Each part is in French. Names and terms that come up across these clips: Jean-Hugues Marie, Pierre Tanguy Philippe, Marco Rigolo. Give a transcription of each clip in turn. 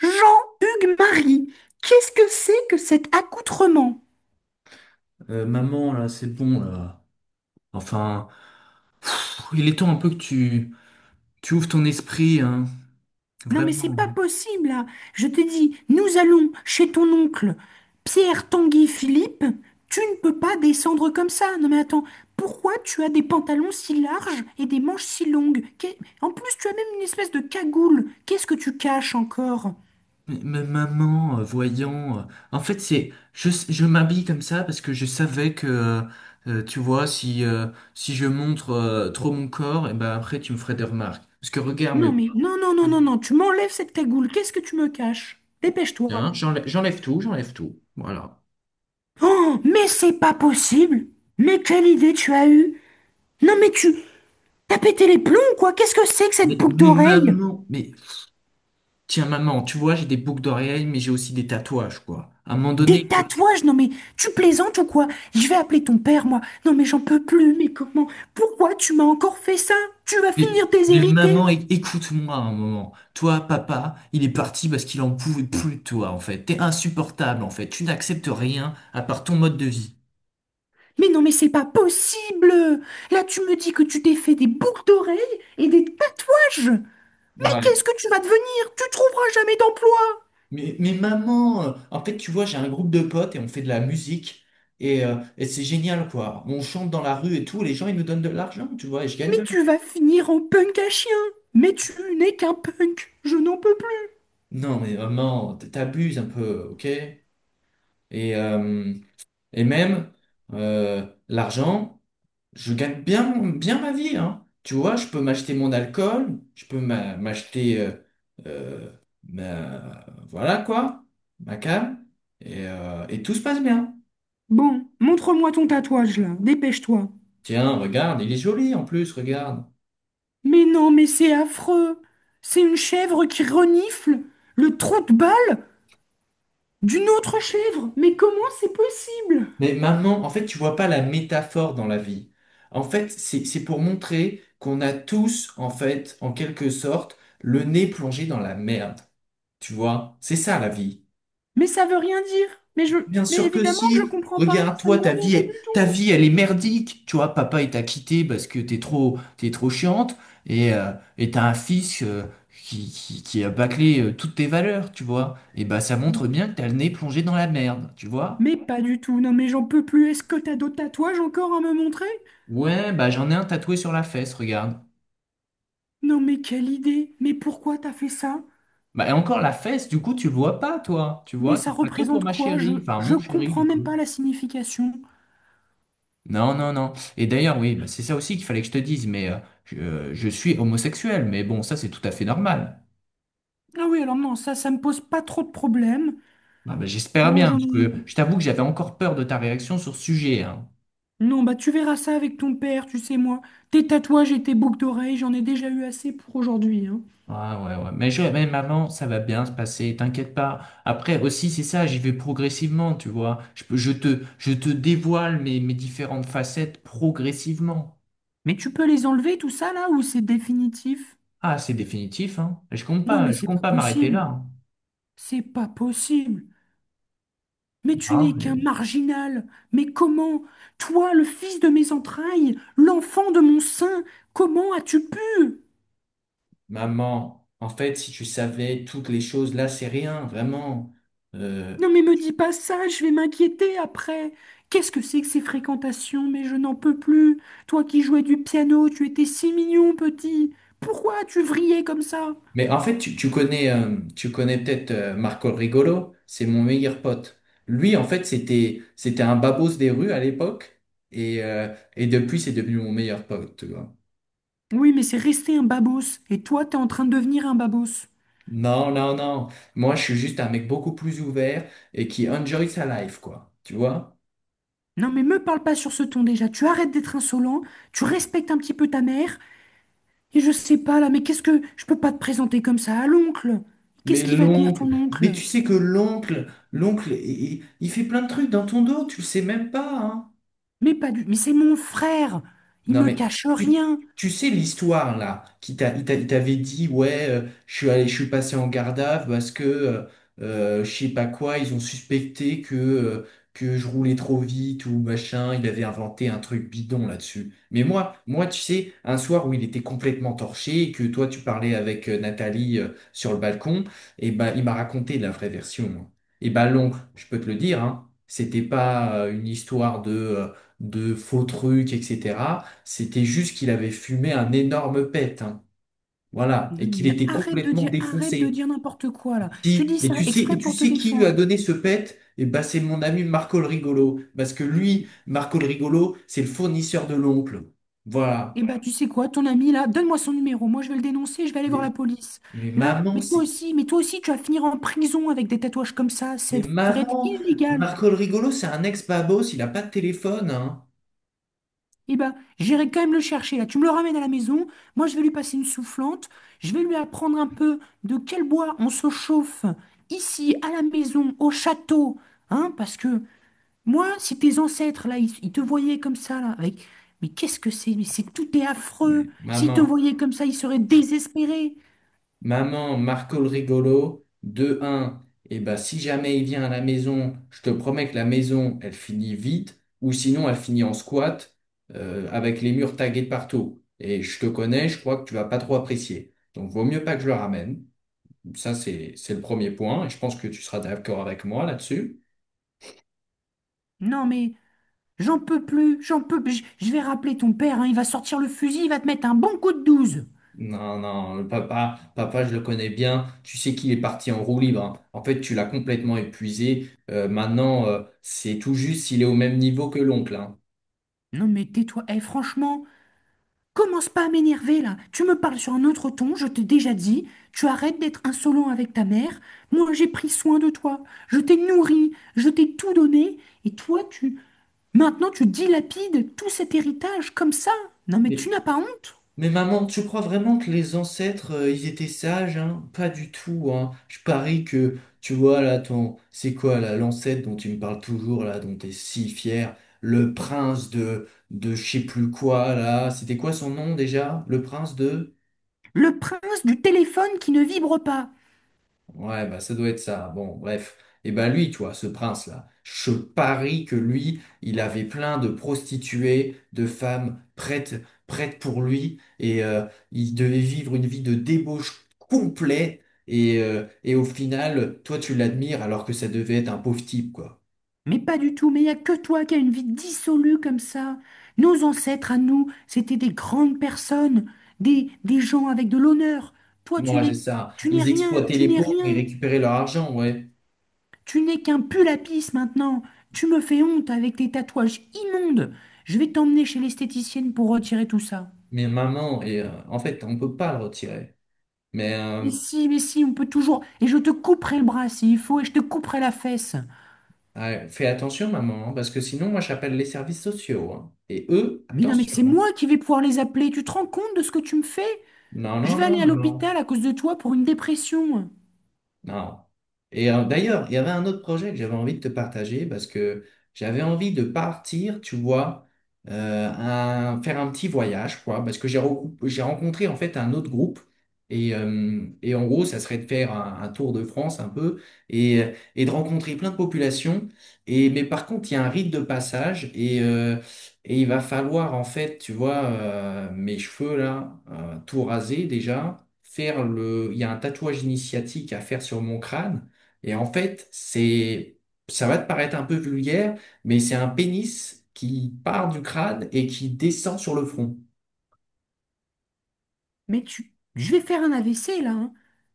Jean-Hugues Marie, qu'est-ce que c'est que cet accoutrement? Maman, là, c'est bon, là. Enfin, il est temps un peu que tu ouvres ton esprit, hein. Non mais c'est Vraiment. pas possible là. Je te dis, nous allons chez ton oncle Pierre Tanguy Philippe. Tu ne peux pas descendre comme ça. Non mais attends, pourquoi tu as des pantalons si larges et des manches si longues? En plus, tu as même une espèce de cagoule. Qu'est-ce que tu caches encore? Mais maman, voyant. En fait, je m'habille comme ça parce que je savais que, tu vois, si si je montre trop mon corps, et ben après, tu me ferais des remarques. Parce que regarde, Non mais mais non non non non non, tu m'enlèves cette cagoule. Qu'est-ce que tu me caches? hein, Dépêche-toi. J'enlève j'enlève tout. Voilà. Oh, mais c'est pas possible! Mais quelle idée tu as eue? Non mais tu... T'as pété les plombs, ou quoi? Qu'est-ce que c'est que cette Mais, boucle mais d'oreille? maman, mais tiens, maman, tu vois, j'ai des boucles d'oreilles, mais j'ai aussi des tatouages, quoi. À un moment donné, Des tatouages? Non mais tu plaisantes ou quoi? Je vais appeler ton père, moi. Non mais j'en peux plus, mais comment? Pourquoi tu m'as encore fait ça? Tu vas Mais, finir mais déshéritée. maman, écoute-moi un moment. Toi, papa, il est parti parce qu'il en pouvait plus de toi, en fait. T'es insupportable, en fait. Tu n'acceptes rien à part ton mode de vie. Mais non mais c'est pas possible! Là tu me dis que tu t'es fait des boucles d'oreilles et des tatouages! Mais Ouais. qu'est-ce que tu vas devenir? Tu trouveras jamais d'emploi! Mais maman, en fait, tu vois, j'ai un groupe de potes et on fait de la musique. Et c'est génial, quoi. On chante dans la rue et tout. Les gens, ils nous donnent de l'argent, tu vois, et je gagne Mais de l'argent. tu vas finir en punk à chien! Mais tu n'es qu'un punk! Je n'en peux plus! Non, mais maman, t'abuses un peu, ok? Et, euh, et même, l'argent. Je gagne bien, bien ma vie, hein. Tu vois, je peux m'acheter mon alcool, je peux m'acheter, euh, voilà quoi, ma cam, et tout se passe bien. Bon, montre-moi ton tatouage là, dépêche-toi. Tiens, regarde, il est joli en plus, regarde. Mais non, mais c'est affreux. C'est une chèvre qui renifle le trou de balle d'une autre chèvre. Mais comment c'est possible? Mais maman, en fait, tu vois pas la métaphore dans la vie. En fait, c'est pour montrer qu'on a tous, en fait, en quelque sorte, le nez plongé dans la merde. Tu vois, c'est ça la vie. Mais ça veut rien dire. Mais je, Bien mais sûr que évidemment que je si. comprends pas. Regarde, Ça toi, ne veut rien dire du ta vie, elle est merdique. Tu vois, papa, il t'a quitté parce que t'es trop chiante. Et euh, et t'as un fils qui a bâclé toutes tes valeurs, tu vois. Et bah, ça tout. montre bien que t'as le nez plongé dans la merde, tu vois. Mais pas du tout. Non, mais j'en peux plus. Est-ce que t'as d'autres tatouages encore à me montrer? Ouais, bah, j'en ai un tatoué sur la fesse, regarde. Non, mais quelle idée. Mais pourquoi t'as fait ça? Bah, et encore la fesse, du coup, tu le vois pas, toi. Tu vois, Mais ça ça sera que pour représente ma quoi? Chérie. Enfin, mon Je chéri, comprends du même coup. pas la signification. Non, non, non. Et d'ailleurs, oui, bah, c'est ça aussi qu'il fallait que je te dise, mais je suis homosexuel, mais bon, ça c'est tout à fait normal. Ah oui, alors non, ça me pose pas trop de problèmes. Ah, bah, j'espère Bon, bien, j'en parce ai. que je t'avoue que j'avais encore peur de ta réaction sur ce sujet, hein. Non, bah tu verras ça avec ton père, tu sais, moi. Tes tatouages et tes boucles d'oreilles, j'en ai déjà eu assez pour aujourd'hui, hein. Ah, ouais, ouais. Mais mais maman, ça va bien se passer, t'inquiète pas. Après aussi, c'est ça, j'y vais progressivement, tu vois. Je te dévoile mes, mes différentes facettes progressivement. Mais tu peux les enlever, tout ça, là, ou c'est définitif? Ah, c'est définitif, hein. Non, mais Je c'est compte pas pas m'arrêter possible. là. C'est pas possible. Mais tu Hein. n'es qu'un Hein, marginal. Mais comment? Toi, le fils de mes entrailles, l'enfant de mon sein, comment as-tu pu? maman, en fait, si tu savais toutes les choses, là, c'est rien, vraiment. Euh, Non mais me dis pas ça, je vais m'inquiéter après. Qu'est-ce que c'est que ces fréquentations? Mais je n'en peux plus. Toi qui jouais du piano, tu étais si mignon, petit. Pourquoi tu vrillais comme ça? mais en fait, tu connais peut-être Marco Rigolo, c'est mon meilleur pote. Lui, en fait, c'était un babos des rues à l'époque, et depuis, c'est devenu mon meilleur pote, tu vois. Oui, mais c'est resté un babos, et toi t'es en train de devenir un babos. Non, non, non. Moi, je suis juste un mec beaucoup plus ouvert et qui enjoy sa life, quoi. Tu vois? Non mais me parle pas sur ce ton déjà, tu arrêtes d'être insolent, tu respectes un petit peu ta mère, et je sais pas là, mais Je peux pas te présenter comme ça à l'oncle. Qu'est-ce Mais qu'il va dire l'oncle, ton mais oncle? tu sais que l'oncle, il fait plein de trucs dans ton dos, tu le sais même pas, hein. Mais pas du... Mais c'est mon frère, il Non, me mais cache tu, rien. tu sais l'histoire là, il t'avait dit, ouais, je suis passé en garde à vue parce que je sais pas quoi, ils ont suspecté que je roulais trop vite ou machin, il avait inventé un truc bidon là-dessus. Mais moi, tu sais, un soir où il était complètement torché et que toi tu parlais avec Nathalie sur le balcon, et ben il m'a raconté la vraie version. Et ben l'oncle, je peux te le dire, hein, c'était pas une histoire de faux trucs, etc. C'était juste qu'il avait fumé un énorme pet, hein. Voilà, Non, et qu'il mais était complètement arrête de défoncé. dire n'importe quoi là. Tu dis Et ça tu sais, exprès et tu pour te sais qui lui a défendre. donné ce pet? Eh ben, c'est mon ami Marco le Rigolo, parce que lui, Marco le Rigolo, c'est le fournisseur de l'oncle. Voilà. Et bah tu sais quoi, ton ami là, donne-moi son numéro. Moi, je vais le dénoncer, je vais aller voir la Mais, police. mais Là, maman, mais toi aussi, tu vas finir en prison avec des tatouages comme ça. Ça mais devrait être maman, illégal. Marco le Rigolo, c'est un ex-babos, il a pas de téléphone, hein. Et bah j'irai quand même le chercher là. Tu me le ramènes à la maison. Moi, je vais lui passer une soufflante. Je vais lui apprendre un peu de quel bois on se chauffe ici, à la maison, au château, hein, parce que moi, si tes ancêtres, là, ils te voyaient comme ça, là, avec... Mais qu'est-ce que c'est? Mais c'est tout est Mais affreux. S'ils te maman. voyaient comme ça, ils seraient désespérés. Maman, Marco le rigolo, deux un, et ben si jamais il vient à la maison, je te promets que la maison, elle finit vite, ou sinon elle finit en squat avec les murs tagués de partout. Et je te connais, je crois que tu vas pas trop apprécier. Donc, vaut mieux pas que je le ramène. Ça, c'est le premier point. Et je pense que tu seras d'accord avec moi là-dessus. Non, mais j'en peux plus. Je vais rappeler ton père, hein, il va sortir le fusil, il va te mettre un bon coup de douze. Non, non, le papa, papa, je le connais bien. Tu sais qu'il est parti en roue libre. Hein. En fait, tu l'as complètement épuisé. Maintenant, c'est tout juste s'il est au même niveau que l'oncle. Hein. Non, mais tais-toi. Eh, franchement, commence pas à m'énerver là. Tu me parles sur un autre ton, je t'ai déjà dit. Tu arrêtes d'être insolent avec ta mère. Moi, j'ai pris soin de toi. Je t'ai nourri, je t'ai tout donné. Et toi, tu... Maintenant, tu dilapides tout cet héritage comme ça. Non, mais tu Mais, n'as pas honte? mais maman, tu crois vraiment que les ancêtres, ils étaient sages, hein? Pas du tout, hein. Je parie que, tu vois, là, ton... C'est quoi, là, l'ancêtre dont tu me parles toujours, là, dont t'es si fier? Le prince de je sais plus quoi, là. C'était quoi son nom, déjà? Le prince de... Le prince du téléphone qui ne vibre pas. Ouais, bah ça doit être ça. Bon, bref. Et ben lui, tu vois, ce prince-là, je parie que lui, il avait plein de prostituées, de femmes prêtes, prêtes pour lui, et il devait vivre une vie de débauche complète. Et au final, toi, tu l'admires alors que ça devait être un pauvre type, quoi. Mais pas du tout, mais il n'y a que toi qui as une vie dissolue comme ça. Nos ancêtres à nous, c'était des grandes personnes, des gens avec de l'honneur. Toi, tu Moi, c'est n'es, ça. tu n'es Ils rien, exploitaient tu les n'es pauvres, ils rien. récupéraient leur argent, ouais. Tu n'es qu'un pull à pisse maintenant. Tu me fais honte avec tes tatouages immondes. Je vais t'emmener chez l'esthéticienne pour retirer tout ça. Mais maman, et, en fait, on peut pas le retirer. Mais, Mais si, on peut toujours. Et je te couperai le bras s'il faut, et je te couperai la fesse. ah, fais attention, maman, hein, parce que sinon, moi, j'appelle les services sociaux. Hein. Et eux, Mais non, mais attention. c'est Hein. moi qui vais pouvoir les appeler. Tu te rends compte de ce que tu me fais? Non, Je non, vais non, aller à maman. l'hôpital à cause de toi pour une dépression. Non. Et d'ailleurs, il y avait un autre projet que j'avais envie de te partager parce que j'avais envie de partir, tu vois, faire un petit voyage, quoi, parce que j'ai rencontré en fait un autre groupe. Et en gros, ça serait de faire un tour de France un peu et, et de rencontrer plein de populations. Et, mais par contre, il y a un rite de passage et, et il va falloir, en fait, tu vois, mes cheveux là, tout raser déjà, faire le. Il y a un tatouage initiatique à faire sur mon crâne. Et en fait, c'est. Ça va te paraître un peu vulgaire, mais c'est un pénis qui part du crâne et qui descend sur le front. Mais tu. Je vais faire un AVC là, hein.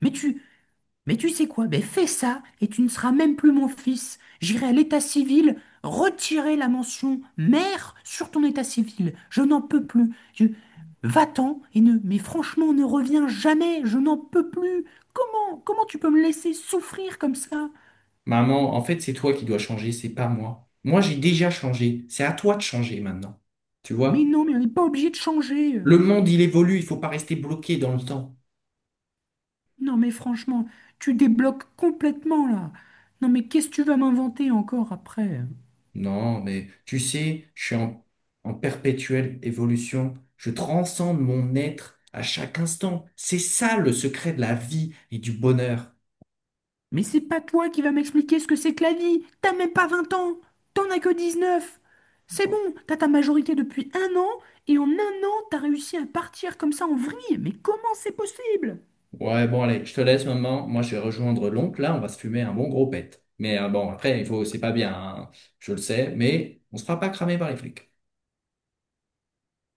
Mais tu. Mais tu sais quoi? Ben fais ça et tu ne seras même plus mon fils. J'irai à l'état civil retirer la mention mère sur ton état civil. Je n'en peux plus. Je... Va-t'en et ne. Mais franchement, ne reviens jamais. Je n'en peux plus. Comment? Comment tu peux me laisser souffrir comme ça? Maman, en fait, c'est toi qui dois changer, c'est pas moi. Moi, j'ai déjà changé. C'est à toi de changer maintenant. Tu Mais vois? non, mais on n'est pas obligé de changer. Le monde, il évolue, il faut pas rester bloqué dans le temps. Non, mais franchement, tu débloques complètement là. Non, mais qu'est-ce que tu vas m'inventer encore après? Non, mais tu sais, je suis en, en perpétuelle évolution. Je transcende mon être à chaque instant. C'est ça le secret de la vie et du bonheur. Mais c'est pas toi qui vas m'expliquer ce que c'est que la vie. T'as même pas 20 ans. T'en as que 19. C'est bon, t'as ta majorité depuis un an et en un an, t'as réussi à partir comme ça en vrille. Mais comment c'est possible? Ouais, bon, allez, je te laisse, maman. Moi, je vais rejoindre l'oncle. Là, on va se fumer un bon gros pet. Mais bon, après, il faut, c'est pas bien, hein, je le sais, mais on se fera pas cramer par les flics.